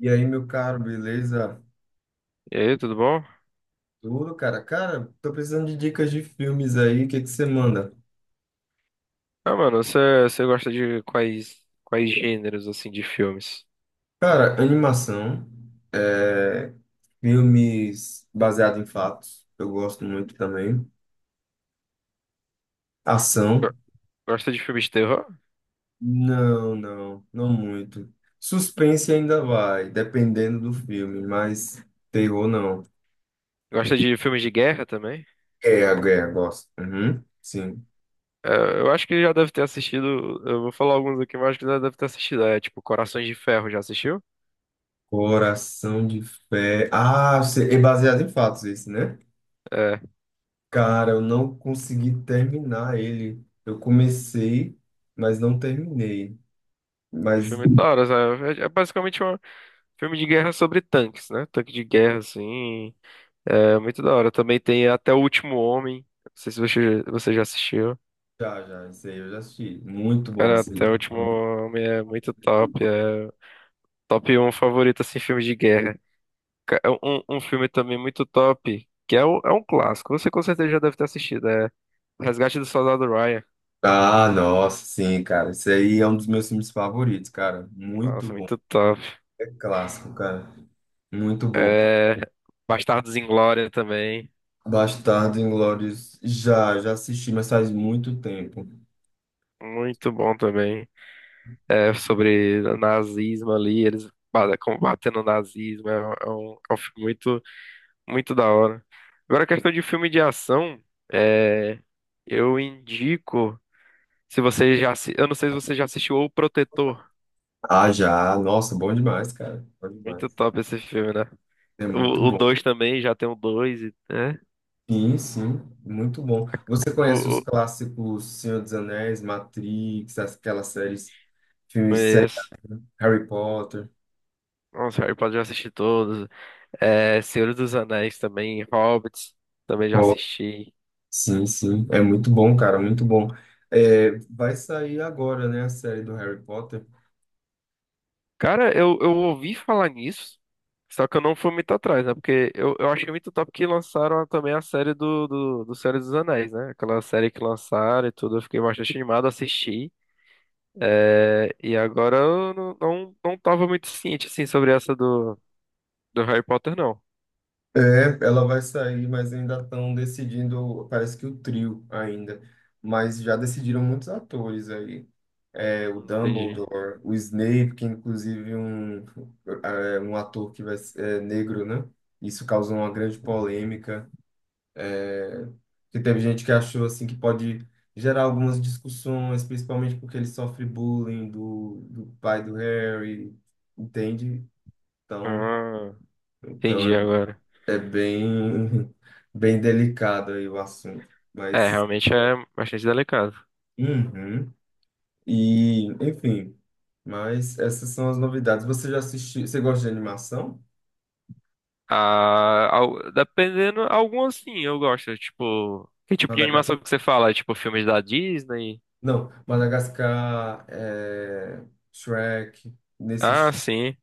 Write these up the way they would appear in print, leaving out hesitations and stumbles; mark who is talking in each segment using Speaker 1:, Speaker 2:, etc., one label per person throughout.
Speaker 1: E aí, meu caro, beleza?
Speaker 2: E aí, tudo bom?
Speaker 1: Tudo, cara? Cara, tô precisando de dicas de filmes aí, o que que você manda?
Speaker 2: Você gosta de quais gêneros assim de filmes?
Speaker 1: Cara, animação, é, filmes baseados em fatos, eu gosto muito também.
Speaker 2: Go-
Speaker 1: Ação,
Speaker 2: Gosta de filmes de terror?
Speaker 1: não, não, não muito. Suspense ainda vai, dependendo do filme, mas terror não.
Speaker 2: Gosta de filmes de guerra também?
Speaker 1: Guerra, guerra, gosto. Uhum, sim.
Speaker 2: É, eu acho que já deve ter assistido. Eu vou falar alguns aqui, mas acho que já deve ter assistido. É tipo Corações de Ferro, já assistiu?
Speaker 1: Coração de Ferro. Ah, é baseado em fatos isso, né?
Speaker 2: É
Speaker 1: Cara, eu não consegui terminar ele. Eu comecei, mas não terminei.
Speaker 2: um
Speaker 1: Mas
Speaker 2: filme da hora, sabe? É, é basicamente um filme de guerra sobre tanques, né? Tanque de guerra, assim. É muito da hora. Também tem Até o Último Homem. Não sei se você já assistiu.
Speaker 1: já, já, isso aí eu já assisti. Muito bom
Speaker 2: Cara,
Speaker 1: esse
Speaker 2: Até o
Speaker 1: livro.
Speaker 2: Último Homem é muito top. Top um favorito, assim, filme de guerra. Um filme também muito top, que é, é um clássico. Você com certeza já deve ter assistido. É Resgate do Soldado Ryan.
Speaker 1: Ah, nossa, sim, cara. Esse aí é um dos meus filmes favoritos, cara. Muito
Speaker 2: Nossa,
Speaker 1: bom.
Speaker 2: muito top.
Speaker 1: É clássico, cara. Muito bom.
Speaker 2: É, Bastardos Inglórios também.
Speaker 1: Bastardo Inglórios, já, já assisti, mas faz muito tempo.
Speaker 2: Muito bom também. É sobre nazismo ali, eles combatendo o nazismo. É um filme muito, muito da hora. Agora, a questão de filme de ação, é, eu indico. Se você eu não sei se você já assistiu O Protetor.
Speaker 1: Ah, já. Nossa, bom demais, cara. Bom
Speaker 2: Muito
Speaker 1: demais.
Speaker 2: top esse filme, né?
Speaker 1: É muito
Speaker 2: O
Speaker 1: bom.
Speaker 2: 2 também, já tem o 2 né?
Speaker 1: Sim, sim, muito bom. Você
Speaker 2: O,
Speaker 1: conhece os
Speaker 2: o,
Speaker 1: clássicos Senhor dos Anéis, Matrix, aquelas séries, filmes, séries,
Speaker 2: conheço.
Speaker 1: Harry Potter?
Speaker 2: Nossa, Harry Potter já assisti todos. É, Senhor dos Anéis também, Hobbits também já
Speaker 1: Oh,
Speaker 2: assisti.
Speaker 1: sim, sim, é muito bom, cara, muito bom. É, vai sair agora, né, a série do Harry Potter?
Speaker 2: Cara, eu ouvi falar nisso, só que eu não fui muito atrás, né? Porque eu achei muito top que lançaram também a série do Senhor dos Anéis, né? Aquela série que lançaram e tudo, eu fiquei bastante animado, assisti. É, e agora eu não tava muito ciente, assim, sobre essa do Harry Potter, não.
Speaker 1: É, ela vai sair, mas ainda estão decidindo, parece que o trio ainda, mas já decidiram muitos atores aí. É, o
Speaker 2: Entendi.
Speaker 1: Dumbledore, o Snape, que é inclusive um, é, um ator que vai, é negro, né? Isso causou uma grande polêmica. É, que teve gente que achou assim que pode gerar algumas discussões, principalmente porque ele sofre bullying do pai do Harry, entende? Então,
Speaker 2: Ah,
Speaker 1: então
Speaker 2: entendi agora.
Speaker 1: é, é bem, bem delicado aí o assunto.
Speaker 2: É,
Speaker 1: Mas,
Speaker 2: realmente é bastante delicado.
Speaker 1: uhum. E, enfim. Mas essas são as novidades. Você já assistiu? Você gosta de animação?
Speaker 2: Dependendo, algumas sim, eu gosto. Tipo, que tipo de
Speaker 1: Madagascar.
Speaker 2: animação que você fala? Tipo, filmes da Disney?
Speaker 1: Não, Madagascar, é, Shrek, nesse
Speaker 2: Ah,
Speaker 1: estilo.
Speaker 2: sim.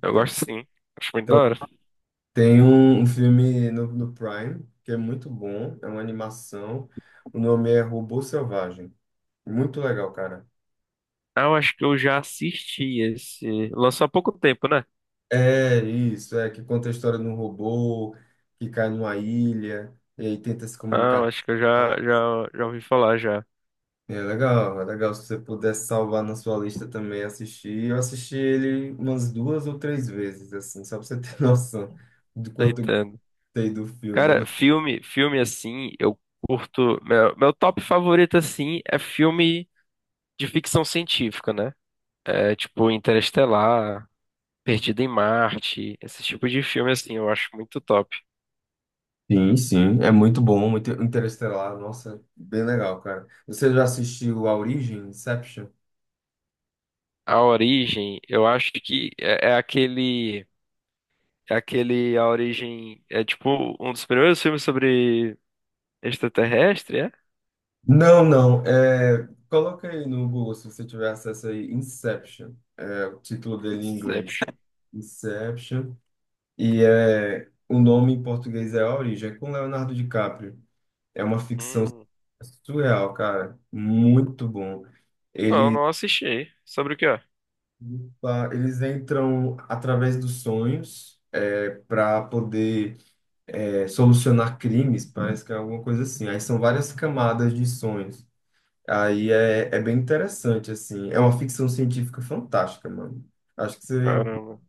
Speaker 2: Eu gosto sim. Acho muito da
Speaker 1: então,
Speaker 2: hora.
Speaker 1: tem um, um filme no, no Prime que é muito bom. É uma animação. O nome é Robô Selvagem. Muito legal, cara.
Speaker 2: Ah, eu acho que eu já assisti esse. Lançou há pouco tempo, né?
Speaker 1: É isso, é que conta a história de um robô que cai numa ilha e aí tenta se
Speaker 2: Ah, eu
Speaker 1: comunicar.
Speaker 2: acho que eu já ouvi falar já.
Speaker 1: É legal se você pudesse salvar na sua lista também assistir. Eu assisti ele umas duas ou três vezes, assim, só pra você ter noção do quanto eu
Speaker 2: Irritando.
Speaker 1: gostei do filme. Eu
Speaker 2: Cara,
Speaker 1: gostei.
Speaker 2: filme assim, eu curto. Meu top favorito assim é filme de ficção científica, né? É, tipo Interestelar, Perdido em Marte, esse tipo de filme assim, eu acho muito top.
Speaker 1: Sim, sim, é muito bom, muito interestelar, nossa, bem legal, cara. Você já assistiu A Origem, Inception?
Speaker 2: A Origem, eu acho que é aquele, é aquele A Origem é tipo um dos primeiros filmes sobre extraterrestre, é?
Speaker 1: Não, não, é... Coloca aí no Google, se você tiver acesso aí, Inception, é o título dele em inglês.
Speaker 2: Inception.
Speaker 1: Inception, e é... o nome em português é A Origem, é com Leonardo DiCaprio. É uma ficção
Speaker 2: Hum,
Speaker 1: surreal, cara. Muito bom.
Speaker 2: não,
Speaker 1: Ele,
Speaker 2: não assisti. Sobre o que é?
Speaker 1: eles entram através dos sonhos é, para poder é, solucionar crimes, parece que é alguma coisa assim. Aí são várias camadas de sonhos. Aí é, é bem interessante, assim. É uma ficção científica fantástica, mano. Acho que você
Speaker 2: Caramba.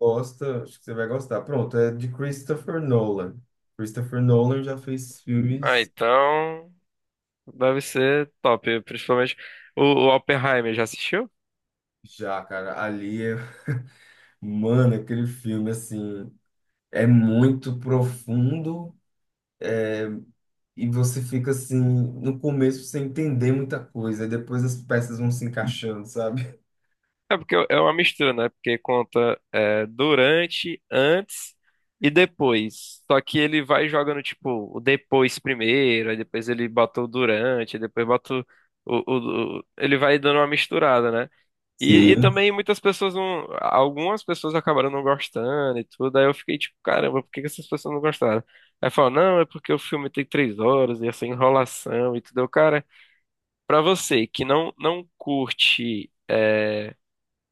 Speaker 1: gosta, acho que você vai gostar. Pronto, é de Christopher Nolan. Christopher Nolan já fez
Speaker 2: Ah,
Speaker 1: filmes
Speaker 2: então deve ser top, principalmente o Oppenheimer já assistiu?
Speaker 1: já, cara. Ali é, mano, aquele filme assim. É muito profundo e você fica assim, no começo sem entender muita coisa, e depois as peças vão se encaixando, sabe?
Speaker 2: É porque é uma mistura, né? Porque conta é, durante, antes e depois. Só que ele vai jogando, tipo, o depois primeiro, aí depois ele bota o durante, aí depois bota ele vai dando uma misturada, né? E
Speaker 1: Sim.
Speaker 2: também muitas pessoas não. Algumas pessoas acabaram não gostando e tudo. Aí eu fiquei tipo, caramba, por que que essas pessoas não gostaram? Aí falou, não, é porque o filme tem três horas e essa enrolação e tudo. Eu, cara, pra você que não curte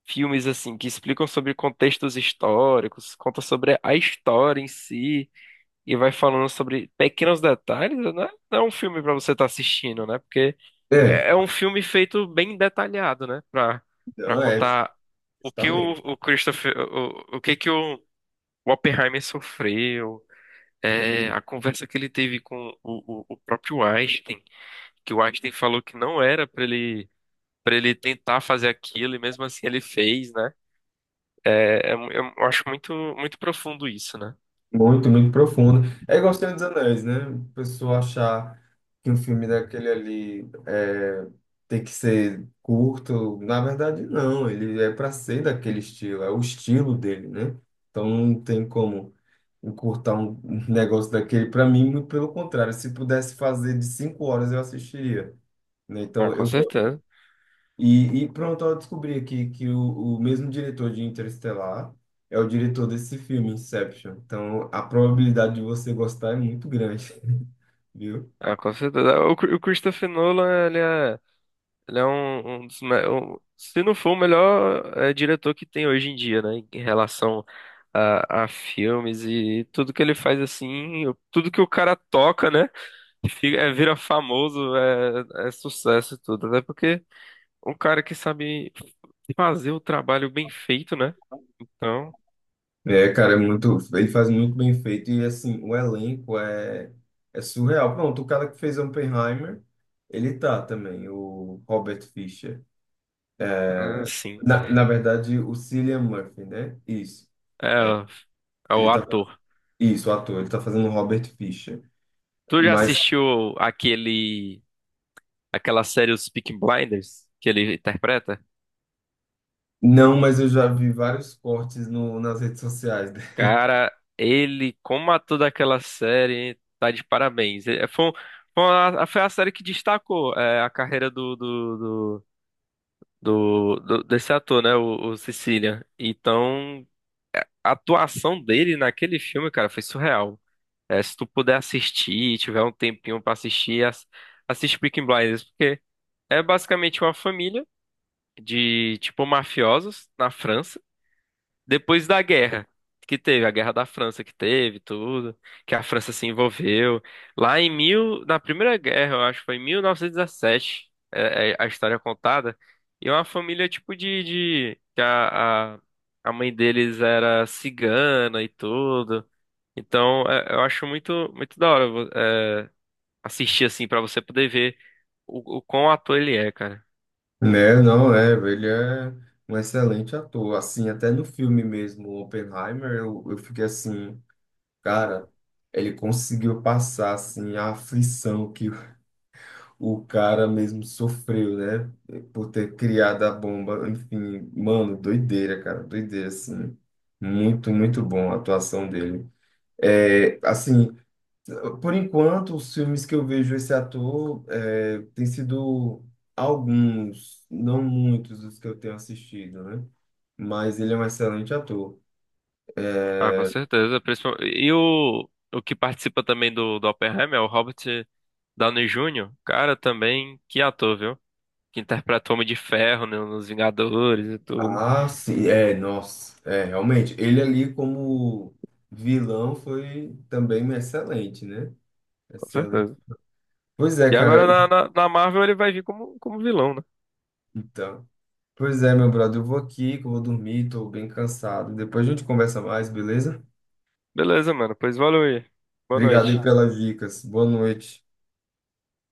Speaker 2: filmes assim que explicam sobre contextos históricos, conta sobre a história em si e vai falando sobre pequenos detalhes, né? Não é um filme pra você estar assistindo, né? Porque
Speaker 1: É,
Speaker 2: é um filme feito bem detalhado, né? Pra para
Speaker 1: então é,
Speaker 2: contar o que
Speaker 1: justamente.
Speaker 2: o que que o Oppenheimer sofreu. É, a conversa que ele teve com o próprio Einstein, que o Einstein falou que não era pra ele, para ele tentar fazer aquilo, e mesmo assim ele fez, né? É, é mu- eu acho muito, muito profundo isso, né?
Speaker 1: Muito, muito profundo. É igual Senhor dos Anéis, né? A pessoa achar que um filme daquele ali é, tem que ser curto. Na verdade, não. Ele é para ser daquele estilo, é o estilo dele, né? Então não tem como encurtar um negócio daquele. Para mim, muito pelo contrário, se pudesse fazer de 5 horas, eu assistiria, né?
Speaker 2: Ah,
Speaker 1: Então,
Speaker 2: com
Speaker 1: eu.
Speaker 2: certeza.
Speaker 1: E pronto, eu descobri aqui que o mesmo diretor de Interestelar é o diretor desse filme, Inception. Então, a probabilidade de você gostar é muito grande, viu?
Speaker 2: Ah, com certeza. O Christopher Nolan, ele é um dos, se não for o melhor diretor que tem hoje em dia, né? Em relação a filmes e tudo que ele faz assim, tudo que o cara toca, né? Fica, é, vira famoso, é, é sucesso e tudo. Até porque um cara que sabe fazer o trabalho bem feito, né? Então.
Speaker 1: É, cara, é muito. Ele faz muito bem feito. E, assim, o elenco é, é surreal. Pronto, o cara que fez Oppenheimer, ele tá também, o Robert Fischer.
Speaker 2: Ah, sim.
Speaker 1: Na, na verdade, o Cillian Murphy, né? Isso.
Speaker 2: É, o- é
Speaker 1: Ele
Speaker 2: o
Speaker 1: tá,
Speaker 2: ator.
Speaker 1: isso, o ator. Ele tá fazendo o Robert Fisher.
Speaker 2: Tu já
Speaker 1: Mas,
Speaker 2: assistiu aquele, aquela série Os Peaky Blinders que ele interpreta?
Speaker 1: não, mas eu já vi vários cortes no, nas redes sociais, dele.
Speaker 2: Cara, ele, como ator daquela série, tá de parabéns. É, foi a série que destacou é, a carreira desse ator, né? O Sicilian. Então, a atuação dele naquele filme, cara, foi surreal. É, se tu puder assistir, tiver um tempinho pra assistir, assiste Peaky Blinders, porque é basicamente uma família de, tipo, mafiosos na França, depois da guerra que teve, a guerra da França que teve, tudo, que a França se envolveu. Lá em mil, na Primeira Guerra, eu acho, foi em 1917, é, é a história contada. E é uma família, tipo, de que a mãe deles era cigana e tudo. Então, é, eu acho muito, muito da hora, assistir, assim, pra você poder ver o quão ator ele é, cara.
Speaker 1: Né? Não, é, ele é um excelente ator. Assim, até no filme mesmo, Oppenheimer, eu fiquei assim, cara, ele conseguiu passar, assim, a aflição que o cara mesmo sofreu, né? Por ter criado a bomba. Enfim, mano, doideira, cara. Doideira, assim. Muito, muito bom a atuação dele. É, assim, por enquanto, os filmes que eu vejo esse ator é, tem sido alguns, não muitos dos que eu tenho assistido, né? Mas ele é um excelente ator.
Speaker 2: Ah, com certeza. E o que participa também do Oppenheimer é o Robert Downey Jr. Cara, também que ator, viu? Que interpreta o Homem de Ferro né, nos Vingadores e tudo.
Speaker 1: Ah, sim, é, nossa, é, realmente. Ele ali como vilão foi também excelente, né?
Speaker 2: Com certeza.
Speaker 1: Pois é,
Speaker 2: E
Speaker 1: cara.
Speaker 2: agora na Marvel ele vai vir como, como vilão, né?
Speaker 1: Então, pois é, meu brother, eu vou aqui, que eu vou dormir, tô bem cansado. Depois a gente conversa mais, beleza?
Speaker 2: Beleza, mano. Pois valeu aí. Boa
Speaker 1: Obrigado aí. Tá,
Speaker 2: noite.
Speaker 1: pelas dicas. Boa noite.